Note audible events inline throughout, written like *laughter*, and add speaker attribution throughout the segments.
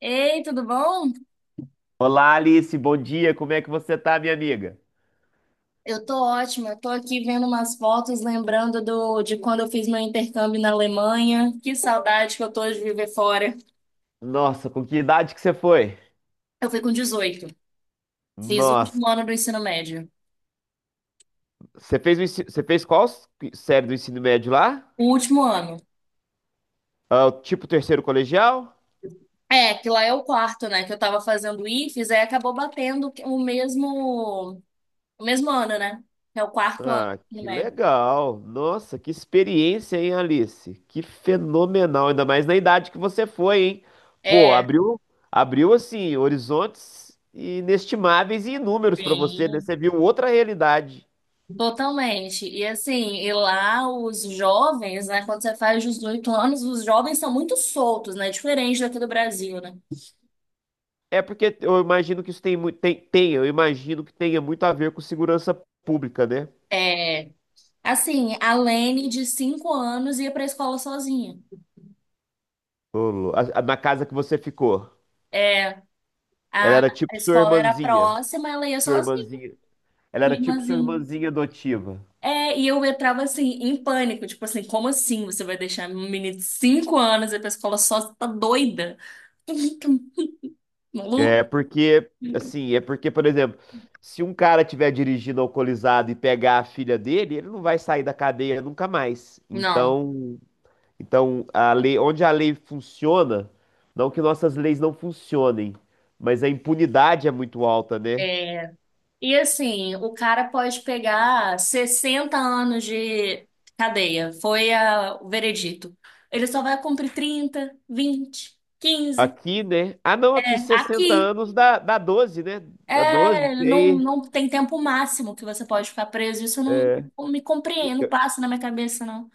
Speaker 1: Ei, tudo bom?
Speaker 2: Olá, Alice, bom dia. Como é que você tá, minha amiga?
Speaker 1: Eu tô ótima. Eu tô aqui vendo umas fotos, lembrando de quando eu fiz meu intercâmbio na Alemanha. Que saudade que eu tô de viver fora.
Speaker 2: Nossa, com que idade que você foi?
Speaker 1: Eu fui com 18. Fiz o
Speaker 2: Nossa,
Speaker 1: último ano do ensino médio.
Speaker 2: você fez série do ensino médio lá?
Speaker 1: O último ano.
Speaker 2: Ah, o tipo terceiro colegial?
Speaker 1: É, que lá é o quarto, né? Que eu tava fazendo o IFES, aí acabou batendo o mesmo ano, né? É o quarto ano
Speaker 2: Ah,
Speaker 1: do ensino
Speaker 2: que
Speaker 1: médio.
Speaker 2: legal. Nossa, que experiência, hein, Alice? Que fenomenal, ainda mais na idade que você foi, hein? Pô,
Speaker 1: É,
Speaker 2: abriu, abriu assim horizontes inestimáveis e inúmeros pra você, né?
Speaker 1: bem.
Speaker 2: Você viu outra realidade.
Speaker 1: Totalmente. E assim, e lá os jovens, né, quando você faz 18 anos, os jovens são muito soltos, né? Diferente daqui do Brasil, né?
Speaker 2: É porque eu imagino que isso tem, mui- tem, tem, eu imagino que tenha muito a ver com segurança pública, né?
Speaker 1: É, assim, a Lene de 5 anos ia pra escola sozinha.
Speaker 2: Ô, Lu- a- Na casa que você ficou.
Speaker 1: É,
Speaker 2: Ela
Speaker 1: a,
Speaker 2: era
Speaker 1: a
Speaker 2: tipo sua
Speaker 1: escola era
Speaker 2: irmãzinha.
Speaker 1: próxima, ela ia
Speaker 2: Sua
Speaker 1: sozinha,
Speaker 2: irmãzinha. Ela era
Speaker 1: minha
Speaker 2: tipo sua
Speaker 1: irmãzinha.
Speaker 2: irmãzinha adotiva.
Speaker 1: É, e eu entrava assim em pânico, tipo assim, como assim você vai deixar um menino de 5 anos ir pra escola sozinha? Tá doida? Maluco?
Speaker 2: É porque, por exemplo, se um cara tiver dirigindo alcoolizado e pegar a filha dele, ele não vai sair da cadeia nunca mais.
Speaker 1: Não,
Speaker 2: Então a lei, onde a lei funciona, não que nossas leis não funcionem, mas a impunidade é muito alta, né?
Speaker 1: é, e assim, o cara pode pegar 60 anos de cadeia, foi o veredito. Ele só vai cumprir 30, 20, 15
Speaker 2: Aqui, né? Ah, não,
Speaker 1: é,
Speaker 2: aqui 60
Speaker 1: aqui.
Speaker 2: anos dá 12, né? Dá 12,
Speaker 1: É,
Speaker 2: e
Speaker 1: não, não tem tempo máximo que você pode ficar preso. Isso não,
Speaker 2: é,
Speaker 1: não me compreendo, não passa na minha cabeça, não.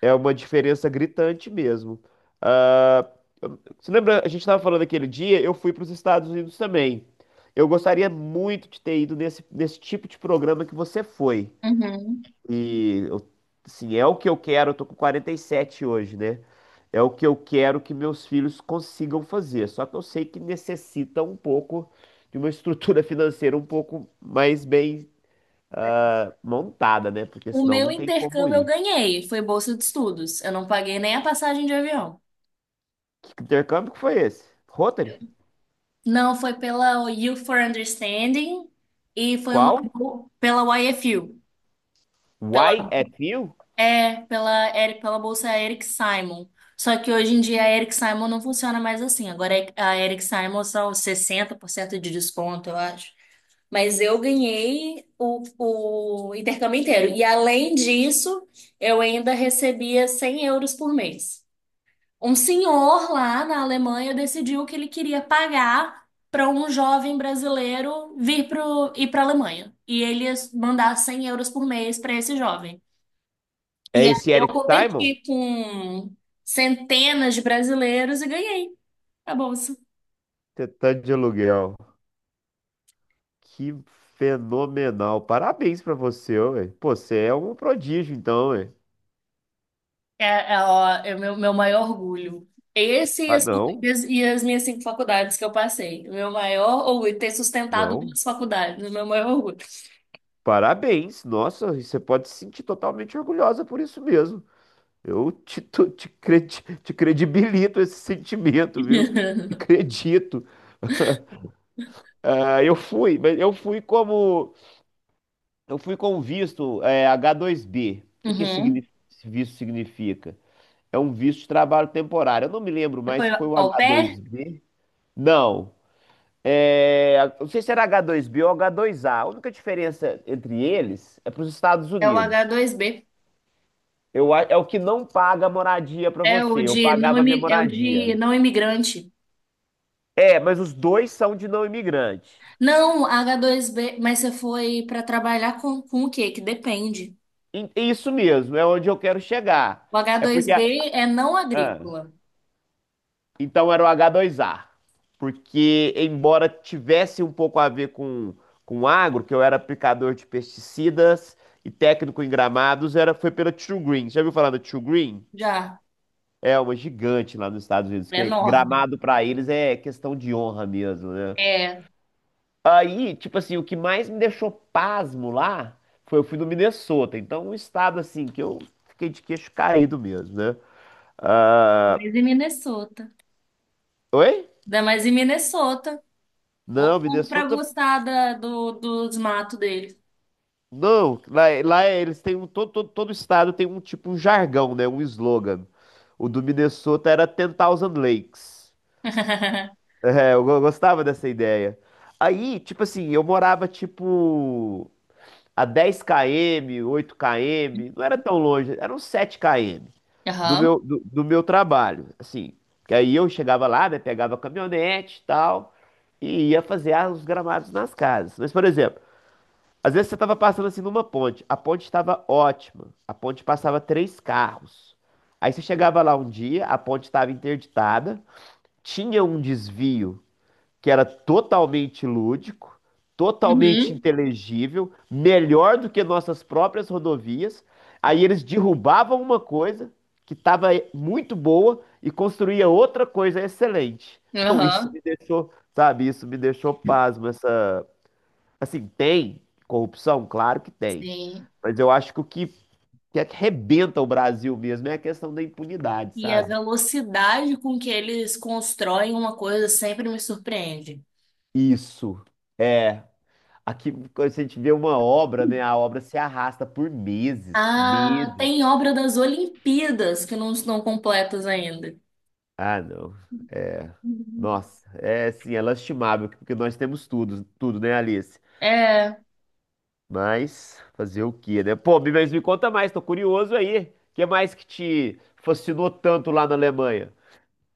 Speaker 2: é uma diferença gritante mesmo. Ah, você lembra, a gente estava falando aquele dia, eu fui para os Estados Unidos também. Eu gostaria muito de ter nesse tipo de programa que você foi.
Speaker 1: Uhum.
Speaker 2: E eu, é o que eu quero, eu tô com 47 hoje, né? É o que eu quero que meus filhos consigam fazer. Só que eu sei que necessita um pouco de uma *laughs* estrutura financeira um pouco mais bem montada, né? Porque
Speaker 1: O
Speaker 2: senão
Speaker 1: meu
Speaker 2: não tem como
Speaker 1: intercâmbio eu
Speaker 2: ir.
Speaker 1: ganhei, foi bolsa de estudos. Eu não paguei nem a passagem de avião.
Speaker 2: Que intercâmbio que foi esse? Rotary?
Speaker 1: Não, foi pela Youth for Understanding e foi uma
Speaker 2: Qual?
Speaker 1: pela YFU.
Speaker 2: YFU?
Speaker 1: É, pela, Eric, pela bolsa Eric Simon. Só que hoje em dia a Eric Simon não funciona mais assim. A Eric Simon são 60% de desconto, eu acho. Mas eu ganhei o intercâmbio inteiro. E além disso, eu ainda recebia 100 euros por mês. Um senhor lá na Alemanha decidiu que ele queria pagar para um jovem brasileiro vir ir para a Alemanha. E ele ia mandar 100 euros por mês para esse jovem.
Speaker 2: É
Speaker 1: E aí
Speaker 2: esse
Speaker 1: eu
Speaker 2: Eric Simon?
Speaker 1: competi com centenas de brasileiros e ganhei a bolsa.
Speaker 2: Tentante de aluguel. Que fenomenal. Parabéns pra você, ué. Pô, você é um prodígio, então, ué.
Speaker 1: É, ó, é o meu, meu maior orgulho. Esse e
Speaker 2: Ah,
Speaker 1: as,
Speaker 2: não.
Speaker 1: e as minhas 5 faculdades que eu passei. O meu maior orgulho, ter sustentado
Speaker 2: Não,
Speaker 1: 2 faculdades, o meu maior orgulho.
Speaker 2: parabéns. Nossa, e você pode se sentir totalmente orgulhosa por isso mesmo. Eu te, tu- te, cre- te credibilito esse sentimento, viu?
Speaker 1: *laughs*
Speaker 2: Acredito. Ah, eu fui, mas eu fui como eu fui com um visto H2B. O que que
Speaker 1: Uhum.
Speaker 2: esse visto significa? É um visto de trabalho temporário. Eu não me lembro mais
Speaker 1: Foi
Speaker 2: se foi o
Speaker 1: au pair?
Speaker 2: H2B. Não. É, não sei se era H2B ou H2A. A única diferença entre eles é para os Estados
Speaker 1: É o
Speaker 2: Unidos.
Speaker 1: H2B.
Speaker 2: É o que não paga a moradia pra
Speaker 1: É
Speaker 2: você.
Speaker 1: o
Speaker 2: Eu
Speaker 1: de não,
Speaker 2: pagava a minha
Speaker 1: é o de
Speaker 2: moradia.
Speaker 1: não imigrante.
Speaker 2: É, mas os dois são de não imigrante.
Speaker 1: Não, H2B, mas você foi para trabalhar com o quê? Que depende.
Speaker 2: Isso mesmo, é onde eu quero chegar.
Speaker 1: O
Speaker 2: É porque. a-
Speaker 1: H2B é não
Speaker 2: ah,
Speaker 1: agrícola.
Speaker 2: então era o H2A. Porque, embora tivesse um pouco a ver com agro, que eu era aplicador de pesticidas e técnico em gramados, foi pela True Green. Já ouviu falar da True Green?
Speaker 1: Já,
Speaker 2: É uma gigante lá nos Estados Unidos,
Speaker 1: é
Speaker 2: que é
Speaker 1: enorme.
Speaker 2: gramado pra eles é questão de honra mesmo, né?
Speaker 1: É,
Speaker 2: Aí, tipo assim, o que mais me deixou pasmo lá foi eu fui no Minnesota. Então, um estado assim que eu fiquei de queixo caído mesmo, né? Ah,
Speaker 1: mas em Minnesota.
Speaker 2: oi?
Speaker 1: Ainda mais em Minnesota. Ou
Speaker 2: Não,
Speaker 1: pra
Speaker 2: Minnesota.
Speaker 1: gostar dos matos dele.
Speaker 2: Não, lá eles têm um. Todo estado tem um tipo um jargão, né? Um slogan. O do Minnesota era Ten Thousand Lakes.
Speaker 1: *laughs*
Speaker 2: É, gostava dessa ideia. Aí, tipo assim, eu morava tipo a dez km, oito km, não era tão longe, eram sete km
Speaker 1: Aham.
Speaker 2: do meu trabalho, assim. Que aí eu chegava lá, né, pegava a caminhonete e tal, e ia fazer os gramados nas casas. Mas, por exemplo, às vezes você estava passando assim numa ponte, a ponte estava ótima, a ponte passava 3 carros. Aí você chegava lá um dia, a ponte estava interditada, tinha um desvio que era totalmente lúdico, totalmente
Speaker 1: Uhum.
Speaker 2: inteligível, melhor do que nossas próprias rodovias. Aí eles derrubavam uma coisa que estava muito boa e construía outra coisa excelente. Então isso
Speaker 1: Aham.
Speaker 2: me deixou, sabe, isso me deixou pasmo essa, assim, tem corrupção, claro que tem.
Speaker 1: Sim.
Speaker 2: Mas eu acho que arrebenta o Brasil mesmo é a questão da impunidade,
Speaker 1: E a
Speaker 2: sabe?
Speaker 1: velocidade com que eles constroem uma coisa sempre me surpreende.
Speaker 2: Isso. É, aqui, quando a gente vê uma obra, né? A obra se arrasta por meses,
Speaker 1: Ah,
Speaker 2: meses.
Speaker 1: tem obra das Olimpíadas que não estão completas ainda.
Speaker 2: Ah, não. É,
Speaker 1: Uhum.
Speaker 2: nossa, é assim, é lastimável, porque nós temos tudo, tudo, né, Alice?
Speaker 1: É.
Speaker 2: Mas fazer o quê, né? Pô, mas me conta mais, tô curioso aí. O que mais que te fascinou tanto lá na Alemanha?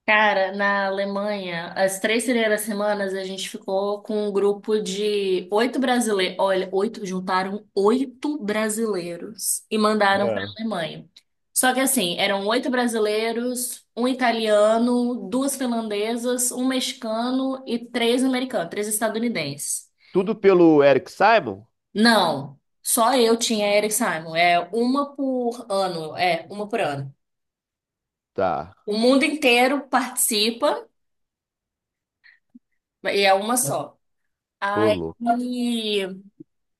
Speaker 1: Cara, na Alemanha, as 3 primeiras semanas a gente ficou com um grupo de 8 brasileiros. Olha, oito, juntaram 8 brasileiros e mandaram para
Speaker 2: É.
Speaker 1: a Alemanha. Só que assim, eram 8 brasileiros, um italiano, duas finlandesas, um mexicano e 3 americanos, três estadunidenses.
Speaker 2: Tudo pelo Eric Simon?
Speaker 1: Não, só eu tinha Eric Simon. É uma por ano.
Speaker 2: Tá,
Speaker 1: O mundo inteiro participa e é uma só.
Speaker 2: ô
Speaker 1: Aí,
Speaker 2: louco.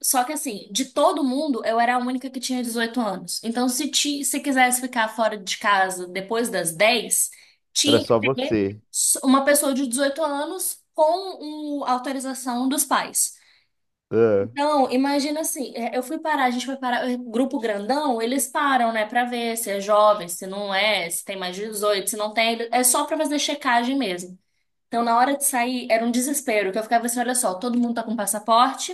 Speaker 1: só que assim, de todo mundo, eu era a única que tinha 18 anos. Então, se quisesse ficar fora de casa depois das 10
Speaker 2: Era
Speaker 1: tinha que
Speaker 2: só
Speaker 1: ter
Speaker 2: você.
Speaker 1: uma pessoa de 18 anos com autorização dos pais.
Speaker 2: É.
Speaker 1: Então, imagina assim, é, eu fui parar, a gente foi parar, é, grupo grandão, eles param, né, pra ver se é jovem, se não é, se tem mais de 18 se não tem, é só pra fazer checagem mesmo. Então, na hora de sair, era um desespero, que eu ficava assim, olha só, todo mundo tá com passaporte,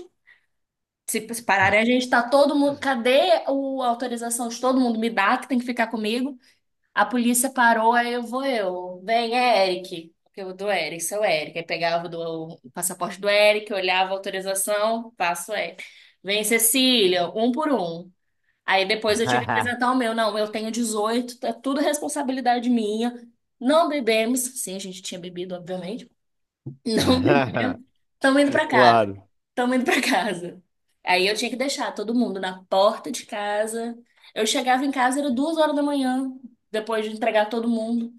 Speaker 1: se se pararem, a gente tá todo mundo. Cadê a autorização de todo mundo? Me dá, que tem que ficar comigo. A polícia parou, aí eu vou eu. Vem, é Eric. Porque eu do Eric, sou Eric. Aí pegava o passaporte do Eric, olhava a autorização, passo o Eric. Vem, Cecília, um por um. Aí depois eu tive que apresentar o meu. Não, eu tenho 18, é tudo responsabilidade minha. Não bebemos. Sim, a gente tinha bebido, obviamente. Não
Speaker 2: *laughs*
Speaker 1: bebemos. Estamos indo para casa.
Speaker 2: Claro.
Speaker 1: Estamos indo para casa. Aí eu tinha que deixar todo mundo na porta de casa. Eu chegava em casa, era 2 horas da manhã, depois de entregar todo mundo.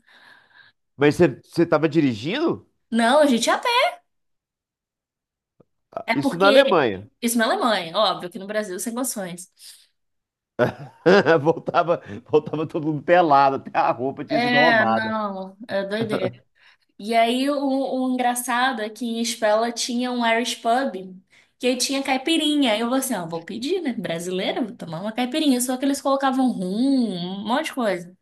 Speaker 2: Mas você tava dirigindo?
Speaker 1: Não, a gente ia a pé. É
Speaker 2: Isso na
Speaker 1: porque
Speaker 2: Alemanha.
Speaker 1: isso na Alemanha, óbvio, que no Brasil sem condições.
Speaker 2: *laughs* Voltava, voltava todo mundo pelado, até a roupa tinha sido
Speaker 1: É,
Speaker 2: roubada.
Speaker 1: não, é doideira. E aí o engraçado é que em Spella tinha um Irish pub que aí tinha caipirinha. Aí eu falei assim, ó, vou pedir, né? Brasileira, vou tomar uma caipirinha. Só que eles colocavam rum, um monte de coisa.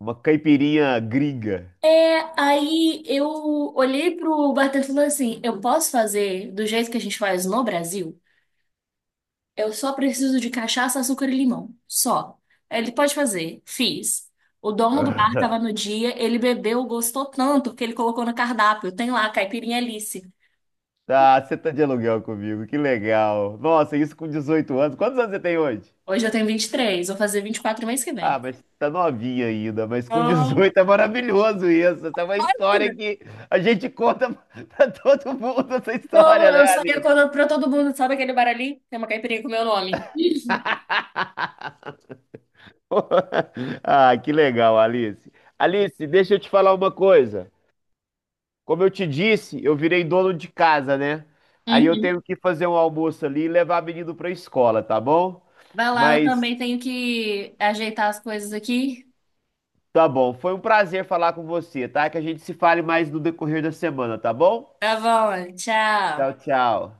Speaker 2: Uma caipirinha gringa.
Speaker 1: É, aí eu olhei pro bartender e falei assim: eu posso fazer do jeito que a gente faz no Brasil? Eu só preciso de cachaça, açúcar e limão. Só. Ele pode fazer. Fiz. O dono do bar tava
Speaker 2: *laughs*
Speaker 1: no dia, ele bebeu, gostou tanto que ele colocou no cardápio. Tem lá, caipirinha Alice.
Speaker 2: Ah, você tá de aluguel comigo, que legal. Nossa, isso com 18 anos. Quantos anos você tem hoje?
Speaker 1: Hoje eu tenho 23. Vou fazer 24 mês que
Speaker 2: Ah,
Speaker 1: vem.
Speaker 2: mas tá novinha ainda, mas com
Speaker 1: Ah.
Speaker 2: 18 é maravilhoso isso. Essa é uma história que a gente conta *laughs* pra todo mundo, essa
Speaker 1: Não,
Speaker 2: história, né,
Speaker 1: eu só ia
Speaker 2: Alice?
Speaker 1: quando pra todo mundo, sabe aquele bar ali? Tem uma caipirinha com meu nome.
Speaker 2: *laughs* Ah, que legal, Alice. Alice, deixa eu te falar uma coisa. Como eu te disse, eu virei dono de casa, né? Aí eu
Speaker 1: Uhum.
Speaker 2: tenho que fazer um almoço ali e levar menino pra escola, tá bom?
Speaker 1: Vai lá, eu
Speaker 2: Mas
Speaker 1: também tenho que ajeitar as coisas aqui.
Speaker 2: tá bom, foi um prazer falar com você, tá? Que a gente se fale mais no decorrer da semana, tá bom?
Speaker 1: Tá bom,
Speaker 2: Tchau,
Speaker 1: tchau.
Speaker 2: tchau.